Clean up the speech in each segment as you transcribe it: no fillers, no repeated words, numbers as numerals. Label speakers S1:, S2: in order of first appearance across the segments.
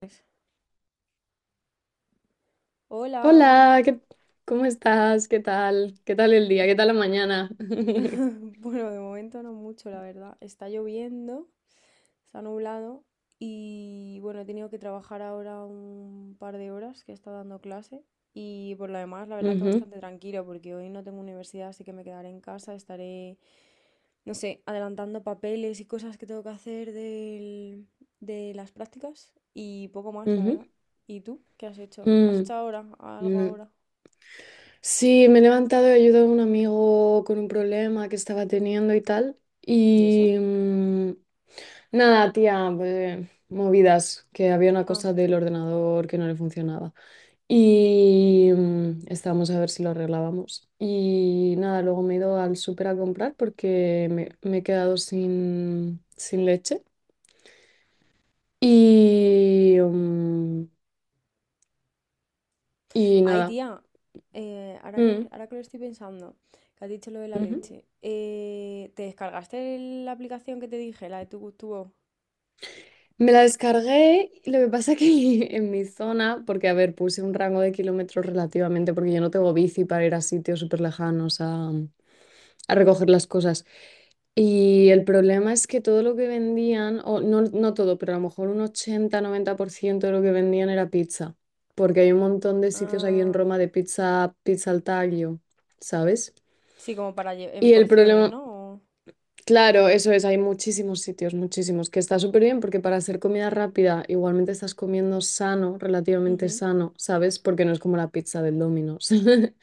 S1: Pues, hola.
S2: Hola, ¿cómo estás? ¿Qué tal? ¿Qué tal el día? ¿Qué tal la mañana?
S1: Bueno, de momento no mucho, la verdad. Está lloviendo, está nublado y bueno, he tenido que trabajar ahora un par de horas que he estado dando clase y por lo demás, la verdad que
S2: Ujú,
S1: bastante tranquilo porque hoy no tengo universidad, así que me quedaré en casa, estaré, no sé, adelantando papeles y cosas que tengo que hacer de las prácticas y poco más, la
S2: ujú.
S1: verdad. ¿Y tú? ¿Qué has hecho? ¿Has
S2: Mm,
S1: hecho ahora algo
S2: mm.
S1: ahora?
S2: Sí, me he levantado y he ayudado a un amigo con un problema que estaba teniendo y tal.
S1: ¿Y eso?
S2: Y nada, tía, pues, movidas, que había una
S1: Ah.
S2: cosa del ordenador que no le funcionaba. Y estábamos a ver si lo arreglábamos. Y nada, luego me he ido al súper a comprar porque me he quedado sin leche. Y, mm, y
S1: Ay,
S2: nada.
S1: tía,
S2: Mm,
S1: ahora que lo estoy pensando, que has dicho lo de la
S2: ujú.
S1: leche, ¿te descargaste la aplicación que te dije, la de tu tubo?
S2: Me la descargué, y lo que pasa es que en mi zona, porque a ver, puse un rango de kilómetros relativamente, porque yo no tengo bici para ir a sitios súper lejanos a recoger las cosas. Y el problema es que todo lo que vendían, o no, no todo, pero a lo mejor un 80-90% de lo que vendían era pizza, porque hay un montón de sitios aquí en
S1: Ah,
S2: Roma de pizza, pizza al taglio, ¿sabes?
S1: sí, como para en
S2: Y el
S1: porciones,
S2: problema,
S1: ¿no? O...
S2: claro, eso es, hay muchísimos sitios, muchísimos, que está súper bien porque para hacer comida rápida igualmente estás comiendo sano, relativamente
S1: ujú,
S2: sano, ¿sabes? Porque no es como la pizza del Domino's.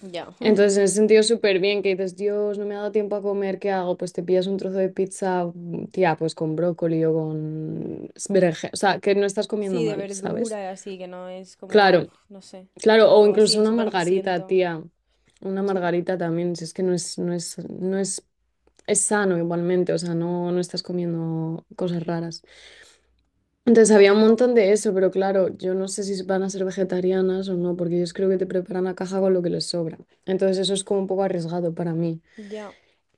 S1: ya.
S2: Entonces, en ese sentido, súper bien que dices, Dios, no me ha dado tiempo a comer, ¿qué hago? Pues te pillas un trozo de pizza, tía, pues con brócoli o con berenjena, o sea, que no estás comiendo
S1: Sí, de
S2: mal, ¿sabes?
S1: verdura y así, que no es
S2: Claro,
S1: como, uf, no sé,
S2: claro, o
S1: algo así,
S2: incluso
S1: o
S2: una
S1: súper
S2: margarita,
S1: grasiento.
S2: tía, una
S1: Sí,
S2: margarita también, si es que no es, es sano igualmente, o sea, no, no estás comiendo cosas raras. Entonces había un montón de eso, pero claro, yo no sé si van a ser vegetarianas o no, porque ellos creo que te preparan la caja con lo que les sobra. Entonces eso es como un poco arriesgado para mí.
S1: ya.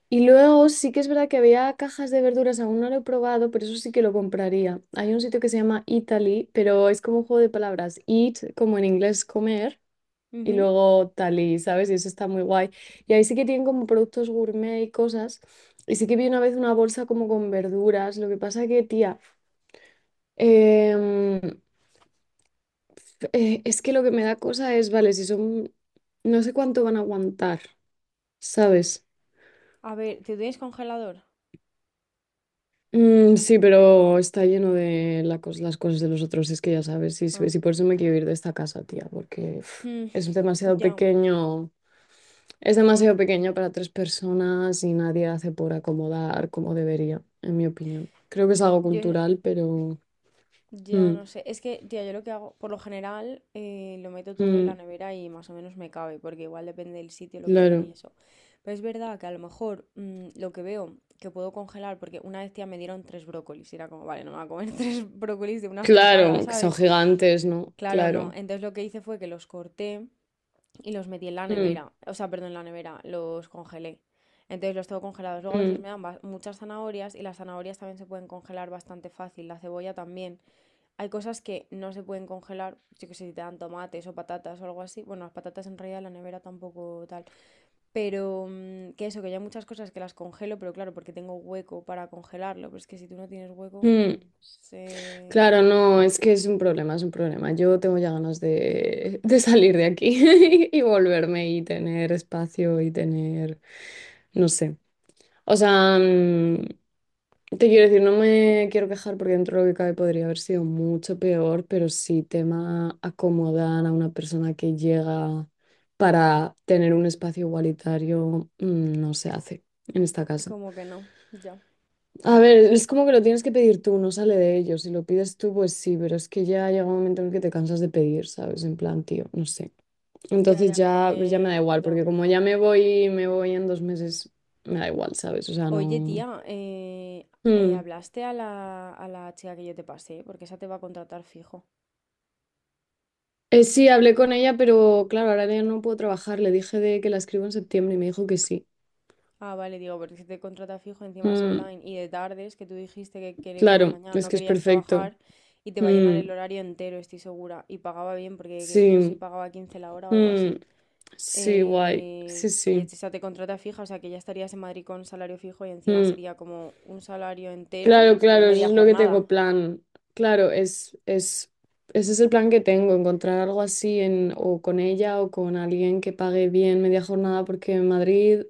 S2: Y luego sí que es verdad que había cajas de verduras, aún no lo he probado, pero eso sí que lo compraría. Hay un sitio que se llama Italy, pero es como un juego de palabras, eat como en inglés comer y
S1: Ujú.
S2: luego tal y, ¿sabes? Y eso está muy guay. Y ahí sí que tienen como productos gourmet y cosas. Y sí que vi una vez una bolsa como con verduras. Lo que pasa que, tía, em, es que lo que me da cosa es, vale, si son, no sé cuánto van a aguantar, ¿sabes?
S1: A ver, ¿te tienes congelador?
S2: Sí, pero está lleno de las cosas de los otros, es que ya sabes, y, si
S1: Ah,
S2: si por eso me quiero ir de esta casa, tía, porque uf,
S1: mm,
S2: es demasiado
S1: ya.
S2: pequeño. Es demasiado pequeño para tres personas y nadie hace por acomodar como debería, en mi opinión. Creo que es algo
S1: Yo,
S2: cultural, pero.
S1: ya
S2: Mm,
S1: no sé, es que, tía, yo lo que hago, por lo general, lo meto todo en la
S2: mm,
S1: nevera y más o menos me cabe, porque igual depende del sitio, lo que te den
S2: claro,
S1: eso. Pero es verdad que a lo mejor lo que veo que puedo congelar, porque una vez, tía, me dieron tres brócolis, y era como, vale, no me voy a comer tres brócolis de una sentada,
S2: claro, que son
S1: ¿sabes?
S2: gigantes, ¿no?
S1: Claro, no.
S2: Claro.
S1: Entonces lo que hice fue que los corté y los metí en la
S2: Mm,
S1: nevera, o sea, perdón, en la nevera, los congelé. Entonces los tengo congelados. Luego a veces
S2: mm,
S1: me dan muchas zanahorias y las zanahorias también se pueden congelar bastante fácil, la cebolla también. Hay cosas que no se pueden congelar, yo que sé, si te dan tomates o patatas o algo así. Bueno, las patatas en realidad en la nevera tampoco tal. Pero que eso, que yo hay muchas cosas que las congelo, pero claro, porque tengo hueco para congelarlo. Pero es que si tú no tienes hueco,
S2: mm.
S1: se...
S2: Claro, no, es que es un problema, es un problema. Yo tengo ya ganas de salir de aquí y volverme y tener espacio y tener, no sé. O sea, te quiero decir, no me quiero quejar porque dentro de lo que cabe podría haber sido mucho peor, pero sí tema acomodar a una persona que llega para tener un espacio igualitario, no se hace en esta casa.
S1: Como que no, ya.
S2: A ver, es como que lo tienes que pedir tú, no sale de ellos. Si lo pides tú, pues sí, pero es que ya llega un momento en el que te cansas de pedir, ¿sabes? En plan, tío, no sé.
S1: Ya,
S2: Entonces
S1: ya, como
S2: ya, pues ya me da
S1: que
S2: igual,
S1: ya.
S2: porque como ya me voy en 2 meses, me da igual, ¿sabes? O sea,
S1: Oye,
S2: no.
S1: tía,
S2: Mm.
S1: ¿hablaste a la chica que yo te pasé? Porque esa te va a contratar fijo.
S2: Sí, hablé con ella, pero claro, ahora ya no puedo trabajar. Le dije de que la escribo en septiembre y me dijo que sí.
S1: Ah, vale, digo, porque si te contrata fijo, encima es
S2: Mm,
S1: online y de tardes, que tú dijiste que por la
S2: claro,
S1: mañana
S2: es
S1: no
S2: que es
S1: querías
S2: perfecto.
S1: trabajar y te va a llenar
S2: Mm,
S1: el horario entero, estoy segura. Y pagaba bien, porque no sé si
S2: sí,
S1: pagaba 15 la hora o algo
S2: mm,
S1: así.
S2: sí, guay. Sí,
S1: Y
S2: sí.
S1: esa te contrata fija, o sea que ya estarías en Madrid con salario fijo y encima
S2: Mm.
S1: sería como un salario
S2: Claro,
S1: entero de
S2: claro, eso
S1: media
S2: es lo que tengo
S1: jornada.
S2: plan. Claro, ese es el plan que tengo, encontrar algo así en, o con ella o con alguien que pague bien media jornada, porque en Madrid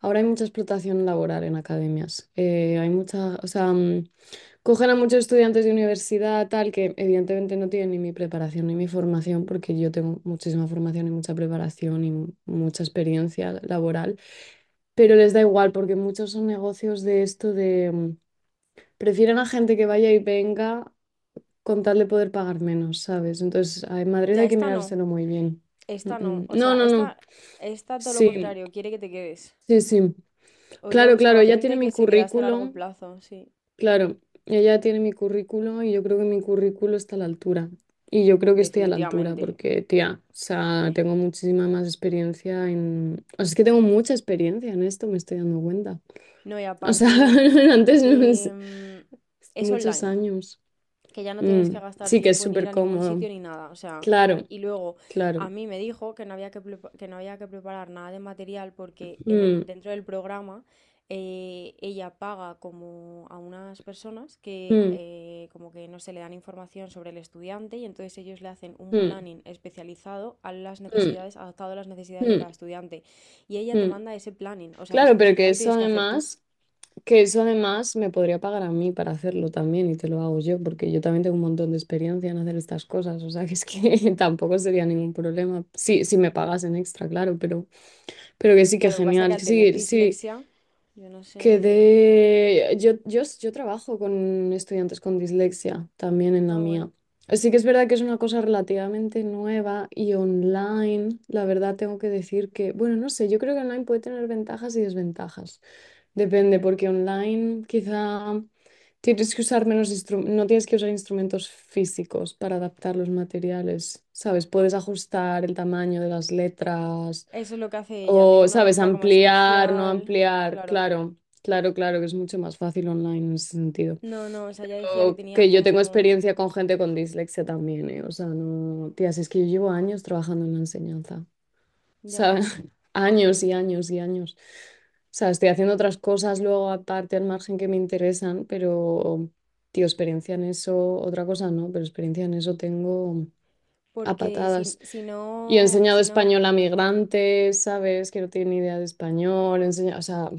S2: ahora hay mucha explotación laboral en academias. Hay mucha, o sea, cogen a muchos estudiantes de universidad, tal, que evidentemente no tienen ni mi preparación ni mi formación, porque yo tengo muchísima formación y mucha preparación y mucha experiencia laboral, pero les da igual porque muchos son negocios de esto de prefieren a gente que vaya y venga con tal de poder pagar menos, ¿sabes? Entonces, en Madrid
S1: Ya,
S2: hay que mirárselo muy bien. Mm,
S1: esta no,
S2: mm.
S1: o sea,
S2: No, no, no.
S1: esta todo lo
S2: Sí,
S1: contrario, quiere que te quedes.
S2: sí, sí.
S1: Hoy ya
S2: Claro, claro,
S1: buscaba
S2: ya tiene
S1: gente
S2: mi
S1: que se quedase a largo
S2: currículum.
S1: plazo, sí,
S2: Claro, ella tiene mi currículo y yo creo que mi currículo está a la altura. Y yo creo que estoy a la altura
S1: definitivamente.
S2: porque, tía, o sea, tengo muchísima más experiencia en. O sea, es que tengo mucha experiencia en esto, me estoy dando cuenta.
S1: No, y
S2: O sea,
S1: aparte
S2: antes no es-
S1: em, es
S2: muchos
S1: online,
S2: años.
S1: que ya no tienes
S2: Mm,
S1: que gastar
S2: sí que es
S1: tiempo en ir
S2: súper
S1: a ningún
S2: cómodo.
S1: sitio ni nada. O sea,
S2: Claro,
S1: y luego a
S2: claro.
S1: mí me dijo que no había que, que no había que preparar nada de material porque en el,
S2: Mm,
S1: dentro del programa ella paga como a unas personas que
S2: mm,
S1: como que no se le dan información sobre el estudiante y entonces ellos le hacen un
S2: mm,
S1: planning especializado a las
S2: mm,
S1: necesidades, adaptado a las necesidades de
S2: mm,
S1: cada estudiante. Y ella te
S2: mm.
S1: manda ese planning, o sea que es
S2: Claro,
S1: que ni
S2: pero que
S1: siquiera lo
S2: eso
S1: tienes que hacer tú.
S2: además. Que eso además me podría pagar a mí para hacerlo también y te lo hago yo, porque yo también tengo un montón de experiencia en hacer estas cosas, o sea que es que tampoco sería ningún problema. Sí, si me pagasen extra, claro, pero que sí,
S1: Ya,
S2: que
S1: lo que pasa es que
S2: genial,
S1: al
S2: que
S1: tener
S2: sí, sí,
S1: dislexia, yo no
S2: que
S1: sé.
S2: de. Yo trabajo con estudiantes con dislexia también en la
S1: Ah, bueno.
S2: mía. Sí que es verdad que es una cosa relativamente nueva y online, la verdad tengo que decir que, bueno, no sé, yo creo que online puede tener ventajas y desventajas. Depende, porque online quizá tienes que usar menos no tienes que usar instrumentos físicos para adaptar los materiales, ¿sabes? Puedes ajustar el tamaño de las letras
S1: Eso es lo que hace ella, tiene
S2: o,
S1: una
S2: ¿sabes?
S1: letra como
S2: Ampliar, no
S1: especial,
S2: ampliar.
S1: claro.
S2: Claro, claro, claro, que es mucho más fácil online en ese sentido.
S1: No, no, o sea, ella decía que
S2: O
S1: tenía
S2: que yo tengo
S1: como
S2: experiencia con gente con dislexia también, ¿eh? O sea, no, tías, es que yo llevo años trabajando en la enseñanza
S1: ya,
S2: sea, años y años y años. O sea, estoy haciendo otras cosas luego aparte al margen que me interesan, pero, tío, experiencia en eso, otra cosa no, pero experiencia en eso tengo a
S1: porque si,
S2: patadas.
S1: si
S2: Y he
S1: no,
S2: enseñado
S1: si no,
S2: español a migrantes, ¿sabes? Que no tienen ni idea de español, he enseñado, o sea,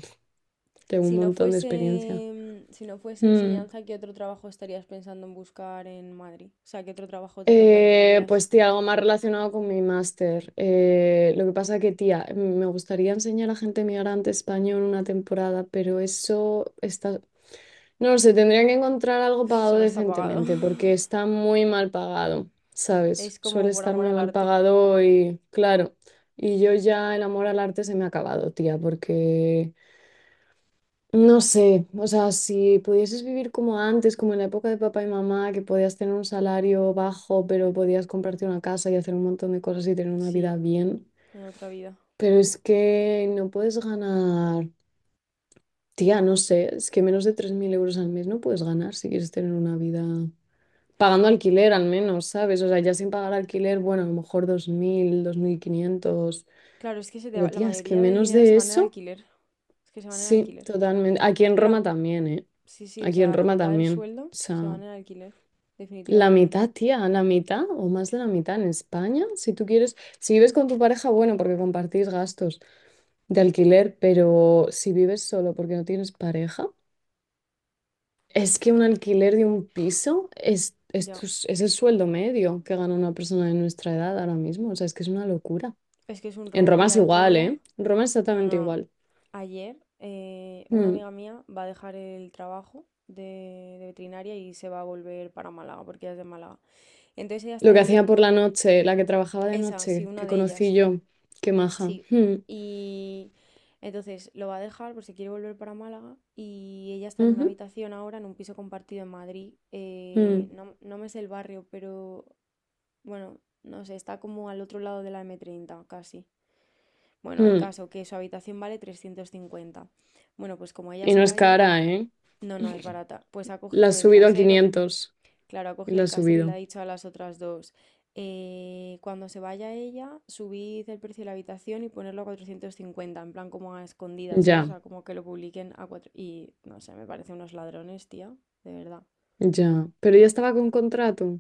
S2: tengo un
S1: si no
S2: montón de experiencia.
S1: fuese, si no fuese
S2: Mm.
S1: enseñanza, ¿qué otro trabajo estarías pensando en buscar en Madrid? O sea, ¿qué otro trabajo te
S2: Eh,
S1: replantearías?
S2: pues tía, algo más relacionado con mi máster. Lo que pasa que, tía, me gustaría enseñar a gente migrante español una temporada, pero eso está. No lo sé, tendrían que encontrar algo
S1: Eso
S2: pagado
S1: no está pagado.
S2: decentemente, porque está muy mal pagado, ¿sabes?
S1: Es como
S2: Suele
S1: por
S2: estar
S1: amor
S2: muy
S1: al
S2: mal
S1: arte.
S2: pagado y, claro, y yo ya el amor al arte se me ha acabado, tía, porque, no sé, o sea, si pudieses vivir como antes, como en la época de papá y mamá, que podías tener un salario bajo, pero podías comprarte una casa y hacer un montón de cosas y tener una
S1: Sí,
S2: vida bien,
S1: en otra vida.
S2: pero es que no puedes ganar, tía, no sé, es que menos de 3.000 euros al mes no puedes ganar si quieres tener una vida, pagando alquiler al menos, ¿sabes? O sea, ya sin pagar alquiler, bueno, a lo mejor 2.000, 2.500.
S1: Claro, es que se
S2: Pero
S1: la
S2: tía, es que
S1: mayoría del
S2: menos
S1: dinero se
S2: de
S1: va en el
S2: eso,
S1: alquiler. Es que se van en el
S2: sí,
S1: alquiler.
S2: totalmente. Aquí
S1: Es
S2: en
S1: que
S2: Roma
S1: la...
S2: también, ¿eh?
S1: Sí, sí, o
S2: Aquí en
S1: sea, la
S2: Roma
S1: mitad del
S2: también.
S1: sueldo
S2: O
S1: se va
S2: sea,
S1: en el alquiler.
S2: la
S1: Definitivamente.
S2: mitad, tía, la mitad o más de la mitad en España, si tú quieres, si vives con tu pareja, bueno, porque compartís gastos de alquiler, pero si vives solo porque no tienes pareja. Es que un alquiler de un piso es, es,
S1: Ya.
S2: tu s- es el sueldo medio que gana una persona de nuestra edad ahora mismo. O sea, es que es una locura.
S1: Es que es un
S2: En
S1: robo.
S2: Roma
S1: Mira,
S2: es
S1: el otro
S2: igual,
S1: día...
S2: ¿eh? En Roma es
S1: No,
S2: exactamente
S1: no.
S2: igual.
S1: Ayer una
S2: Mm.
S1: amiga mía va a dejar el trabajo de veterinaria y se va a volver para Málaga, porque ella es de Málaga. Entonces ella está
S2: Lo que hacía por
S1: debiendo...
S2: la noche, la que trabajaba de
S1: Esa, sí,
S2: noche,
S1: una
S2: que
S1: de
S2: conocí
S1: ellas.
S2: yo, qué maja.
S1: Sí,
S2: Mm.
S1: y entonces lo va a dejar por si quiere volver para Málaga y ella está en una
S2: Ujú.
S1: habitación ahora, en un piso compartido en Madrid.
S2: Mm.
S1: No, no me sé el barrio, pero bueno, no sé, está como al otro lado de la m treinta casi. Bueno, el
S2: Mm.
S1: caso que su habitación vale 350. Bueno, pues como ella
S2: Y
S1: se
S2: no
S1: va
S2: es
S1: a ir,
S2: cara, ¿eh?
S1: no, no es barata. Pues ha
S2: La
S1: cogido
S2: has
S1: el
S2: subido a
S1: casero.
S2: 500
S1: Claro, ha
S2: y
S1: cogido
S2: la
S1: el
S2: has
S1: casero y le ha
S2: subido.
S1: dicho a las otras dos, cuando se vaya ella, subid el precio de la habitación y ponerlo a 450 en plan como a escondidas, ¿sabes? O
S2: Ya,
S1: sea, como que lo publiquen a cuatro". Y no sé, me parece unos ladrones, tía, de verdad.
S2: ya. Pero ya estaba con contrato.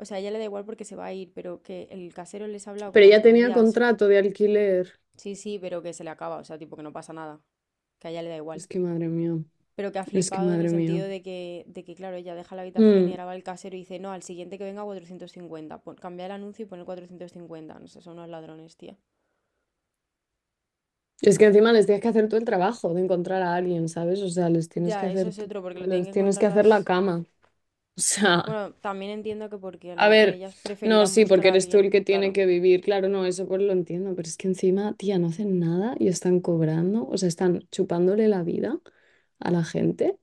S1: O sea, a ella le da igual porque se va a ir, pero que el casero les ha hablado
S2: Pero
S1: como a
S2: ya tenía
S1: escondidas.
S2: contrato de alquiler.
S1: Sí, sí, pero que se le acaba, o sea, tipo que no pasa nada, que a ella le da igual.
S2: Es que madre mía,
S1: Pero que ha
S2: es que
S1: flipado en el
S2: madre mía.
S1: sentido de que, claro, ella deja la habitación y
S2: Mm.
S1: ahora va el casero y dice, no, al siguiente que venga 450, pon, cambia el anuncio y pon 450. No sé, son unos ladrones, tía.
S2: Es que encima les tienes que hacer tú el trabajo de encontrar a alguien, ¿sabes? O sea, les tienes que
S1: Ya, eso
S2: hacer
S1: es
S2: tú,
S1: otro, porque lo tienen
S2: les
S1: que
S2: tienes
S1: encontrar
S2: que hacer la
S1: las...
S2: cama. O sea,
S1: Bueno, también entiendo que porque a lo
S2: a
S1: mejor
S2: ver,
S1: ellas
S2: no,
S1: preferirán
S2: sí,
S1: buscar
S2: porque
S1: a
S2: eres tú el
S1: alguien,
S2: que tiene
S1: claro,
S2: que vivir, claro, no, eso pues lo entiendo, pero es que encima, tía, no hacen nada y están cobrando, o sea, están chupándole la vida a la gente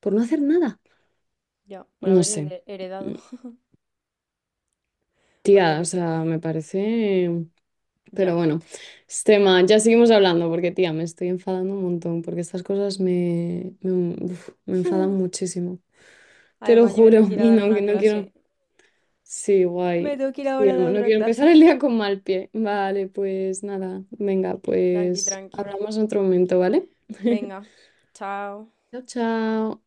S2: por no hacer nada.
S1: ya, por
S2: No sé.
S1: haber heredado,
S2: Mm.
S1: o yo
S2: Tía, o
S1: qué sé,
S2: sea, me parece. Pero
S1: ya.
S2: bueno, este tema, ya seguimos hablando porque, tía, me estoy enfadando un montón porque estas cosas me, uf, me enfadan muchísimo. Te lo
S1: Además, yo me tengo
S2: juro,
S1: que ir a
S2: y
S1: dar
S2: no, que
S1: una
S2: no quiero.
S1: clase.
S2: Sí,
S1: Me
S2: guay.
S1: tengo que ir ahora
S2: Sí,
S1: a dar
S2: no no
S1: otra
S2: quiero
S1: clase.
S2: empezar el día con mal pie. Vale, pues nada, venga,
S1: Tranqui,
S2: pues
S1: tranqui.
S2: hablamos en otro momento, ¿vale?
S1: Venga, chao.
S2: Chao, chao.